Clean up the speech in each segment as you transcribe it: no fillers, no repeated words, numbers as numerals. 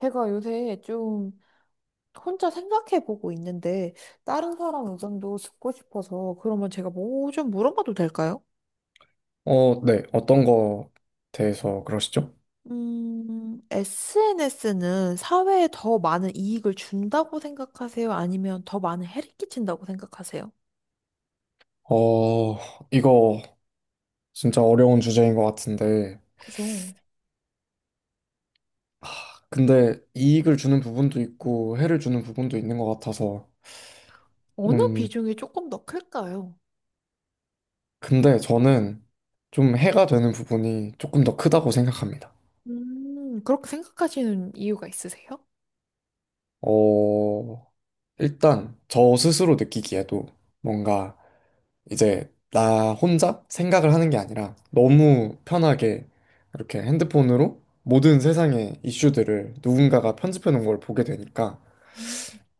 제가 요새 좀 혼자 생각해보고 있는데 다른 사람 의견도 듣고 싶어서 그러면 제가 뭐 좀 물어봐도 될까요? 어, 네. 어떤 거 대해서 그러시죠? SNS는 사회에 더 많은 이익을 준다고 생각하세요? 아니면 더 많은 해를 끼친다고 생각하세요? 어, 이거 진짜 어려운 주제인 것 같은데. 그죠? 아, 근데 이익을 주는 부분도 있고 해를 주는 부분도 있는 것 같아서. 어느 음, 비중이 조금 더 클까요? 근데 저는 좀 해가 되는 부분이 조금 더 크다고 생각합니다. 그렇게 생각하시는 이유가 있으세요? 어, 일단 저 스스로 느끼기에도 뭔가 이제 나 혼자 생각을 하는 게 아니라 너무 편하게 이렇게 핸드폰으로 모든 세상의 이슈들을 누군가가 편집해 놓은 걸 보게 되니까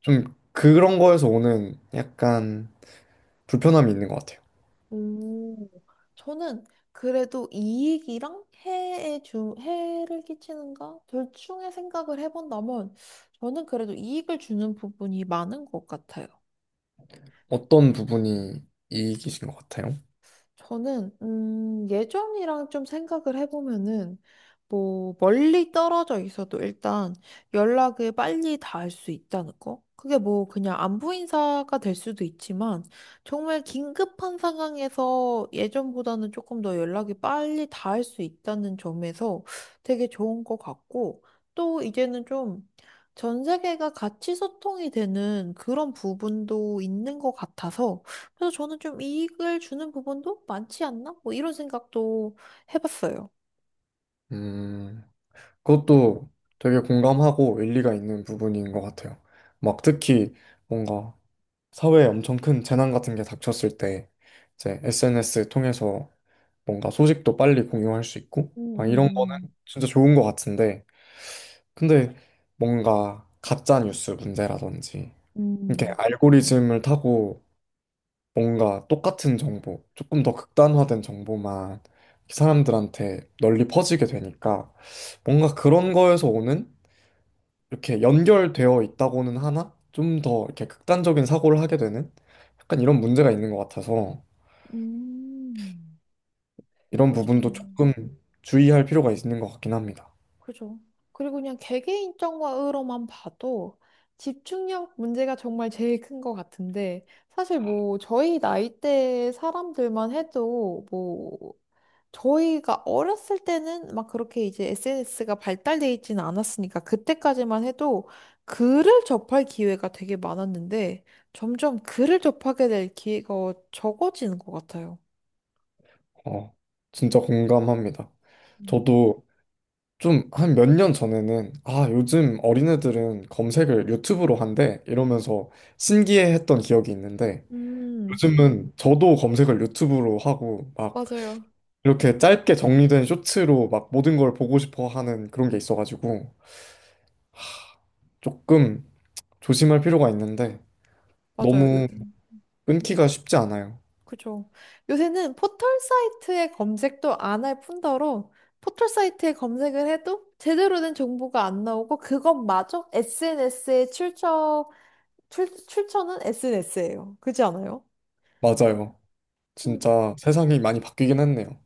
좀 그런 거에서 오는 약간 불편함이 있는 것 같아요. 오, 저는 그래도 이익이랑 해에 해를 끼치는가? 둘 중에 생각을 해본다면 저는 그래도 이익을 주는 부분이 많은 것 같아요. 어떤 부분이 이익이신 것 같아요? 저는 예전이랑 좀 생각을 해보면은 뭐 멀리 떨어져 있어도 일단 연락을 빨리 닿을 수 있다는 거. 그게 뭐 그냥 안부 인사가 될 수도 있지만 정말 긴급한 상황에서 예전보다는 조금 더 연락이 빨리 닿을 수 있다는 점에서 되게 좋은 것 같고, 또 이제는 좀 전 세계가 같이 소통이 되는 그런 부분도 있는 것 같아서, 그래서 저는 좀 이익을 주는 부분도 많지 않나? 뭐 이런 생각도 해봤어요. 음, 그것도 되게 공감하고 일리가 있는 부분인 것 같아요. 막 특히 뭔가 사회에 엄청 큰 재난 같은 게 닥쳤을 때 이제 SNS 통해서 뭔가 소식도 빨리 공유할 수 있고 음, 막 이런 거는 음, 진짜 좋은 것 같은데 근데 뭔가 가짜 뉴스 문제라든지 이렇게 음, 알고리즘을 타고 뭔가 똑같은 정보, 조금 더 극단화된 정보만 사람들한테 널리 퍼지게 되니까 뭔가 그런 거에서 오는 이렇게 연결되어 있다고는 하나 좀 더 이렇게 극단적인 사고를 하게 되는 약간 이런 문제가 있는 것 같아서 음. 이런 부분도 맞아요. 조금 주의할 필요가 있는 것 같긴 합니다. 그죠. 그리고 그냥 개개인 점으로만 봐도 집중력 문제가 정말 제일 큰 것 같은데, 사실 뭐 저희 나이대 사람들만 해도 뭐 저희가 어렸을 때는 막 그렇게 이제 SNS가 발달돼 있지는 않았으니까 그때까지만 해도 글을 접할 기회가 되게 많았는데 점점 글을 접하게 될 기회가 적어지는 것 같아요. 어, 진짜 공감합니다. 음. 저도 좀 한 몇 년 전에는 아, 요즘 어린애들은 검색을 유튜브로 한대 이러면서 신기해했던 기억이 있는데 음, 요즘은 저도 검색을 유튜브로 하고 막 맞아요. 이렇게 짧게 정리된 쇼츠로 막 모든 걸 보고 싶어 하는 그런 게 있어가지고 조금 조심할 필요가 있는데 맞아요. 너무 끊기가 쉽지 않아요. 그죠. 요새는 포털 사이트의 검색도 안 할 뿐더러 포털 사이트에 검색을 해도 제대로 된 정보가 안 나오고 그것마저 SNS에 출처는 SNS예요. 그렇지 않아요? 맞아요. 음, 진짜 세상이 많이 바뀌긴 했네요.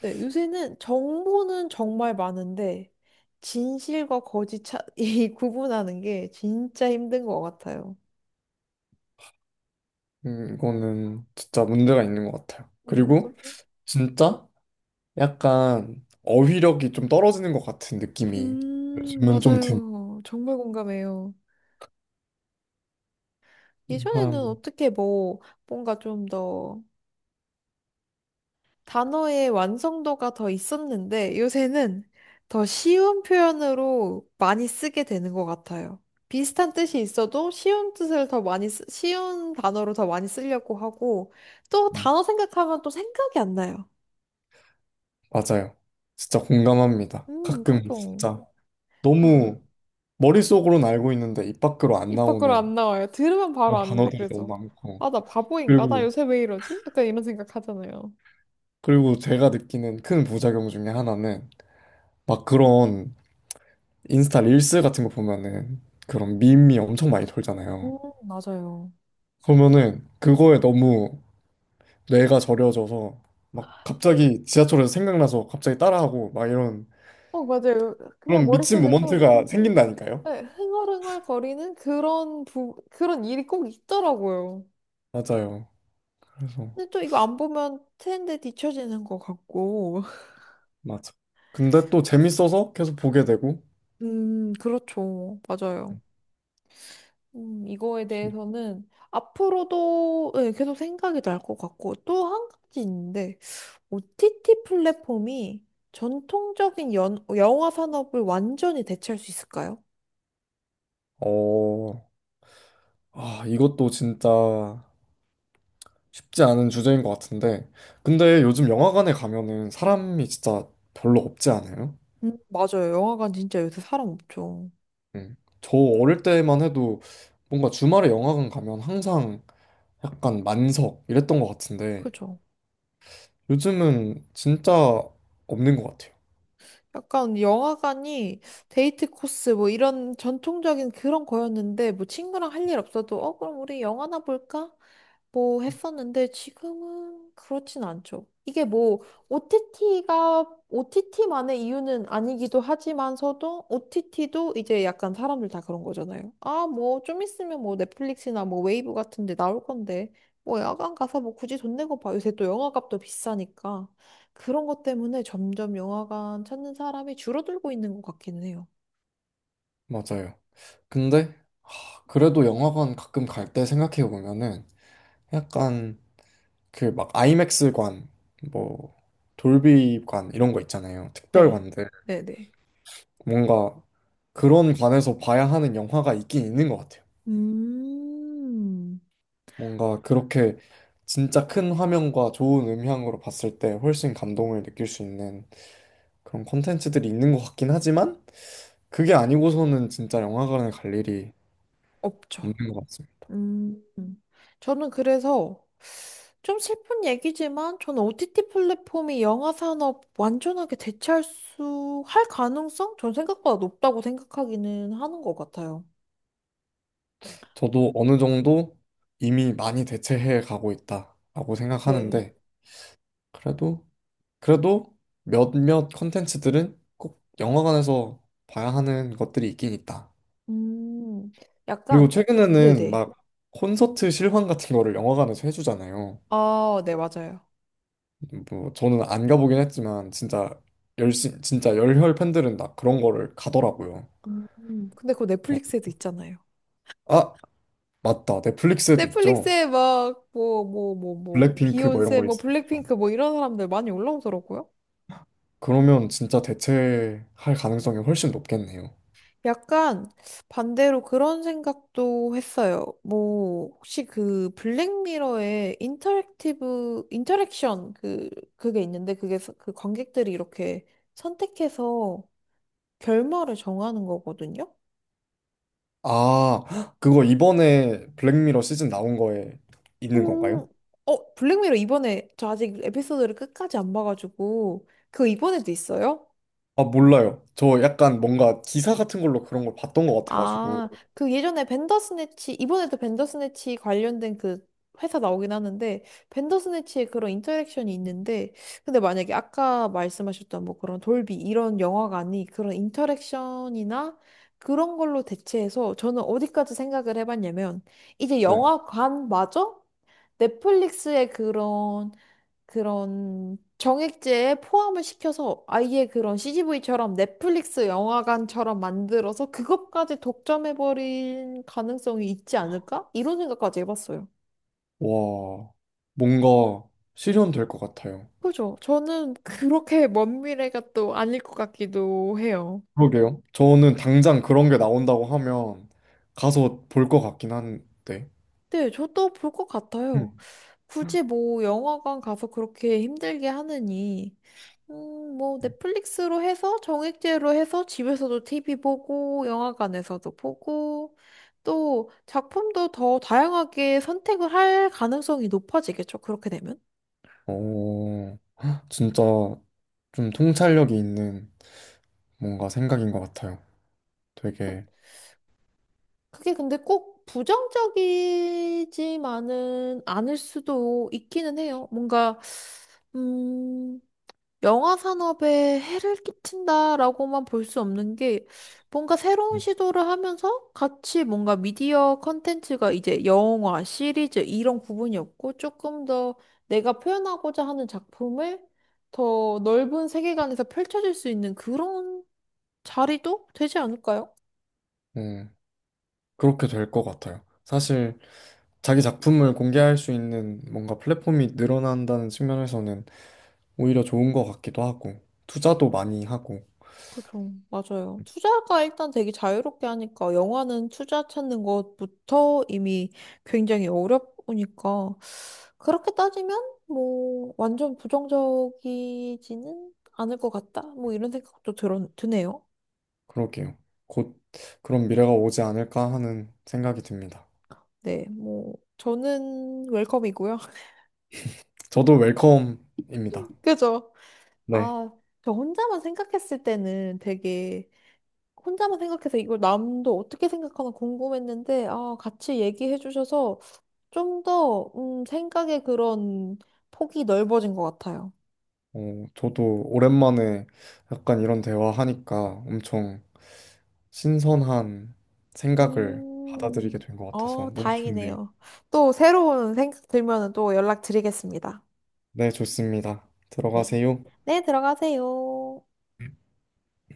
네, 요새는 정보는 정말 많은데 진실과 거짓 이 구분하는 게 진짜 힘든 것 같아요. 이거는 진짜 문제가 있는 것 같아요. 그리고 그죠. 진짜? 약간 어휘력이 좀 떨어지는 것 같은 느낌이 요즘은 좀 드는 맞아요. 정말 공감해요. 예전에는 사람이. 어떻게 뭐 뭔가 좀더 단어의 완성도가 더 있었는데 요새는 더 쉬운 표현으로 많이 쓰게 되는 것 같아요. 비슷한 뜻이 있어도 쉬운 뜻을 더 많이 쉬운 단어로 더 많이 쓰려고 하고 또 음, 단어 생각하면 또 생각이 안 나요. 맞아요. 진짜 공감합니다. 가끔 그죠. 진짜 그거 너무 머릿속으로는 알고 있는데 입 밖으로 안 입 밖으로 나오는 안 나와요. 들으면 바로 그런 아는데, 단어들이 너무 그래서 많고. 아, 나 바보인가? 나 그리고, 요새 왜 이러지? 약간 이런 생각 하잖아요. 그리고 제가 느끼는 큰 부작용 중에 하나는 막 그런 인스타 릴스 같은 거 보면은 그런 밈이 엄청 많이 돌잖아요. 음, 맞아요. 그러면은 그거에 너무 뇌가 저려져서 막 갑자기 지하철에서 생각나서 갑자기 따라하고 막 이런 어, 맞아요. 그냥 그런 미친 머릿속에서 모먼트가 생긴다니까요. 네, 흥얼흥얼 거리는 그런 그런 일이 꼭 있더라고요. 맞아요. 그래서 근데 또 이거 안 보면 트렌드에 뒤처지는 것 같고. 맞아. 근데 또 재밌어서 계속 보게 되고. 그렇죠. 맞아요. 이거에 대해서는 앞으로도 네, 계속 생각이 날 것 같고. 또 한 가지 있는데, OTT 플랫폼이 전통적인 영화 산업을 완전히 대체할 수 있을까요? 어, 아, 이것도 진짜 쉽지 않은 주제인 것 같은데. 근데 요즘 영화관에 가면은 사람이 진짜 별로 없지 않아요? 맞아요. 영화관 진짜 요새 사람 없죠. 응. 저 어릴 때만 해도 뭔가 주말에 영화관 가면 항상 약간 만석 이랬던 것 같은데 그죠? 요즘은 진짜 없는 것 같아요. 약간 영화관이 데이트 코스 뭐 이런 전통적인 그런 거였는데, 뭐 친구랑 할 일 없어도 어 그럼 우리 영화나 볼까? 뭐 했었는데 지금은 그렇진 않죠. 이게 뭐 OTT가 OTT만의 이유는 아니기도 하지만서도 OTT도 이제 약간 사람들 다 그런 거잖아요. 아, 뭐 좀 있으면 뭐 넷플릭스나 뭐 웨이브 같은 데 나올 건데 뭐 야간 가서 뭐 굳이 돈 내고 봐. 요새 또 영화값도 비싸니까 그런 것 때문에 점점 영화관 찾는 사람이 줄어들고 있는 것 같기는 해요. 맞아요. 근데 하, 그래도 영화관 가끔 갈 때 생각해 보면은 약간 그 막 아이맥스관, 뭐 돌비관 이런 거 있잖아요. 네. 특별관들. 네네. 뭔가 그런 관에서 봐야 하는 영화가 있긴 있는 것 같아요. 음, 뭔가 그렇게 진짜 큰 화면과 좋은 음향으로 봤을 때 훨씬 감동을 느낄 수 있는 그런 콘텐츠들이 있는 것 같긴 하지만 그게 아니고서는 진짜 영화관에 갈 일이 없죠. 없는 것 같습니다. 음, 음. 저는 그래서 좀 슬픈 얘기지만 저는 OTT 플랫폼이 영화 산업 완전하게 대체할 할 가능성? 전 생각보다 높다고 생각하기는 하는 것 같아요. 저도 어느 정도 이미 많이 대체해 가고 있다라고 네. 생각하는데 그래도 그래도 몇몇 컨텐츠들은 꼭 영화관에서 봐야 하는 것들이 있긴 있다. 음, 그리고 약간, 최근에는 네네. 막 콘서트 실황 같은 거를 영화관에서 해주잖아요. 아, 네, 맞아요. 뭐 저는 안 가보긴 했지만 진짜 열심 진짜 열혈 팬들은 다 그런 거를 가더라고요. 근데 그거 뭐, 넷플릭스에도 있잖아요. 아 맞다 넷플릭스에도 있죠. 넷플릭스에 막, 뭐, 뭐, 뭐, 뭐, 블랙핑크 뭐 이런 비욘세, 거 뭐, 있어요. 블랙핑크, 뭐, 이런 사람들 많이 올라오더라고요. 그러면 진짜 대체할 가능성이 훨씬 높겠네요. 약간 반대로 그런 생각도 했어요. 뭐, 혹시 그 블랙미러의 인터랙션 그, 그게 있는데 그 관객들이 이렇게 선택해서 결말을 정하는 거거든요? 아, 헉, 그거 이번에 블랙미러 시즌 나온 거에 있는 건가요? 음, 어, 블랙미러 이번에 저 아직 에피소드를 끝까지 안 봐가지고 그거 이번에도 있어요? 아, 몰라요. 저 약간 뭔가 기사 같은 걸로 그런 걸 봤던 것 같아가지고. 아, 그 예전에 벤더스네치, 이번에도 벤더스네치 관련된 그 회사 나오긴 하는데, 벤더스네치의 그런 인터랙션이 있는데, 근데 만약에 아까 말씀하셨던 뭐 그런 돌비 이런 영화가 아닌 그런 인터랙션이나 그런 걸로 대체해서 저는 어디까지 생각을 해봤냐면, 이제 네. 영화관마저 넷플릭스의 그런 정액제에 포함을 시켜서 아예 그런 CGV처럼 넷플릭스 영화관처럼 만들어서 그것까지 독점해버린 가능성이 있지 않을까? 이런 생각까지 해봤어요. 와, 뭔가 실현될 것 같아요. 그죠? 저는 그렇게 먼 미래가 또 아닐 것 같기도 해요. 그러게요. 저는 당장 그런 게 나온다고 하면 가서 볼 것 같긴 한데. 네, 저도 볼 것 같아요. 음. 굳이 뭐 영화관 가서 그렇게 힘들게 하느니, 뭐 넷플릭스로 해서 정액제로 해서 집에서도 TV 보고 영화관에서도 보고 또 작품도 더 다양하게 선택을 할 가능성이 높아지겠죠. 그렇게 되면. 오 어, 진짜 좀 통찰력이 있는 뭔가 생각인 것 같아요. 그- 되게. 그게 근데 꼭 부정적이지만은 않을 수도 있기는 해요. 뭔가, 음, 영화 산업에 해를 끼친다라고만 볼 수 없는 게 뭔가 새로운 음. 시도를 하면서 같이 뭔가 미디어 컨텐츠가 이제 영화, 시리즈 이런 부분이 없고 조금 더 내가 표현하고자 하는 작품을 더 넓은 세계관에서 펼쳐질 수 있는 그런 자리도 되지 않을까요? 네, 그렇게 될 것 같아요. 사실 자기 작품을 공개할 수 있는 뭔가 플랫폼이 늘어난다는 측면에서는 오히려 좋은 것 같기도 하고, 투자도 많이 하고, 그죠. 맞아요. 투자가 일단 되게 자유롭게 하니까 영화는 투자 찾는 것부터 이미 굉장히 어렵으니까 그렇게 따지면 뭐 완전 부정적이지는 않을 것 같다. 뭐 이런 생각도 드네요. 그러게요. 곧 그런 미래가 오지 않을까 하는 생각이 듭니다. 네, 뭐 저는 웰컴이고요. 저도 웰컴입니다. 그죠? 네. 아, 저 혼자만 생각했을 때는 되게 혼자만 생각해서 이걸 남도 어떻게 생각하나 궁금했는데 아, 같이 얘기해 주셔서 좀 더, 생각의 그런 폭이 넓어진 것 같아요. 어, 저도 오랜만에 약간 이런 대화하니까 엄청 신선한 생각을 받아들이게 음, 된 것 같아서 어, 너무 좋네요. 다행이네요. 또 새로운 생각 들면은 또 연락드리겠습니다. 네, 좋습니다. 네. 들어가세요. 네, 들어가세요.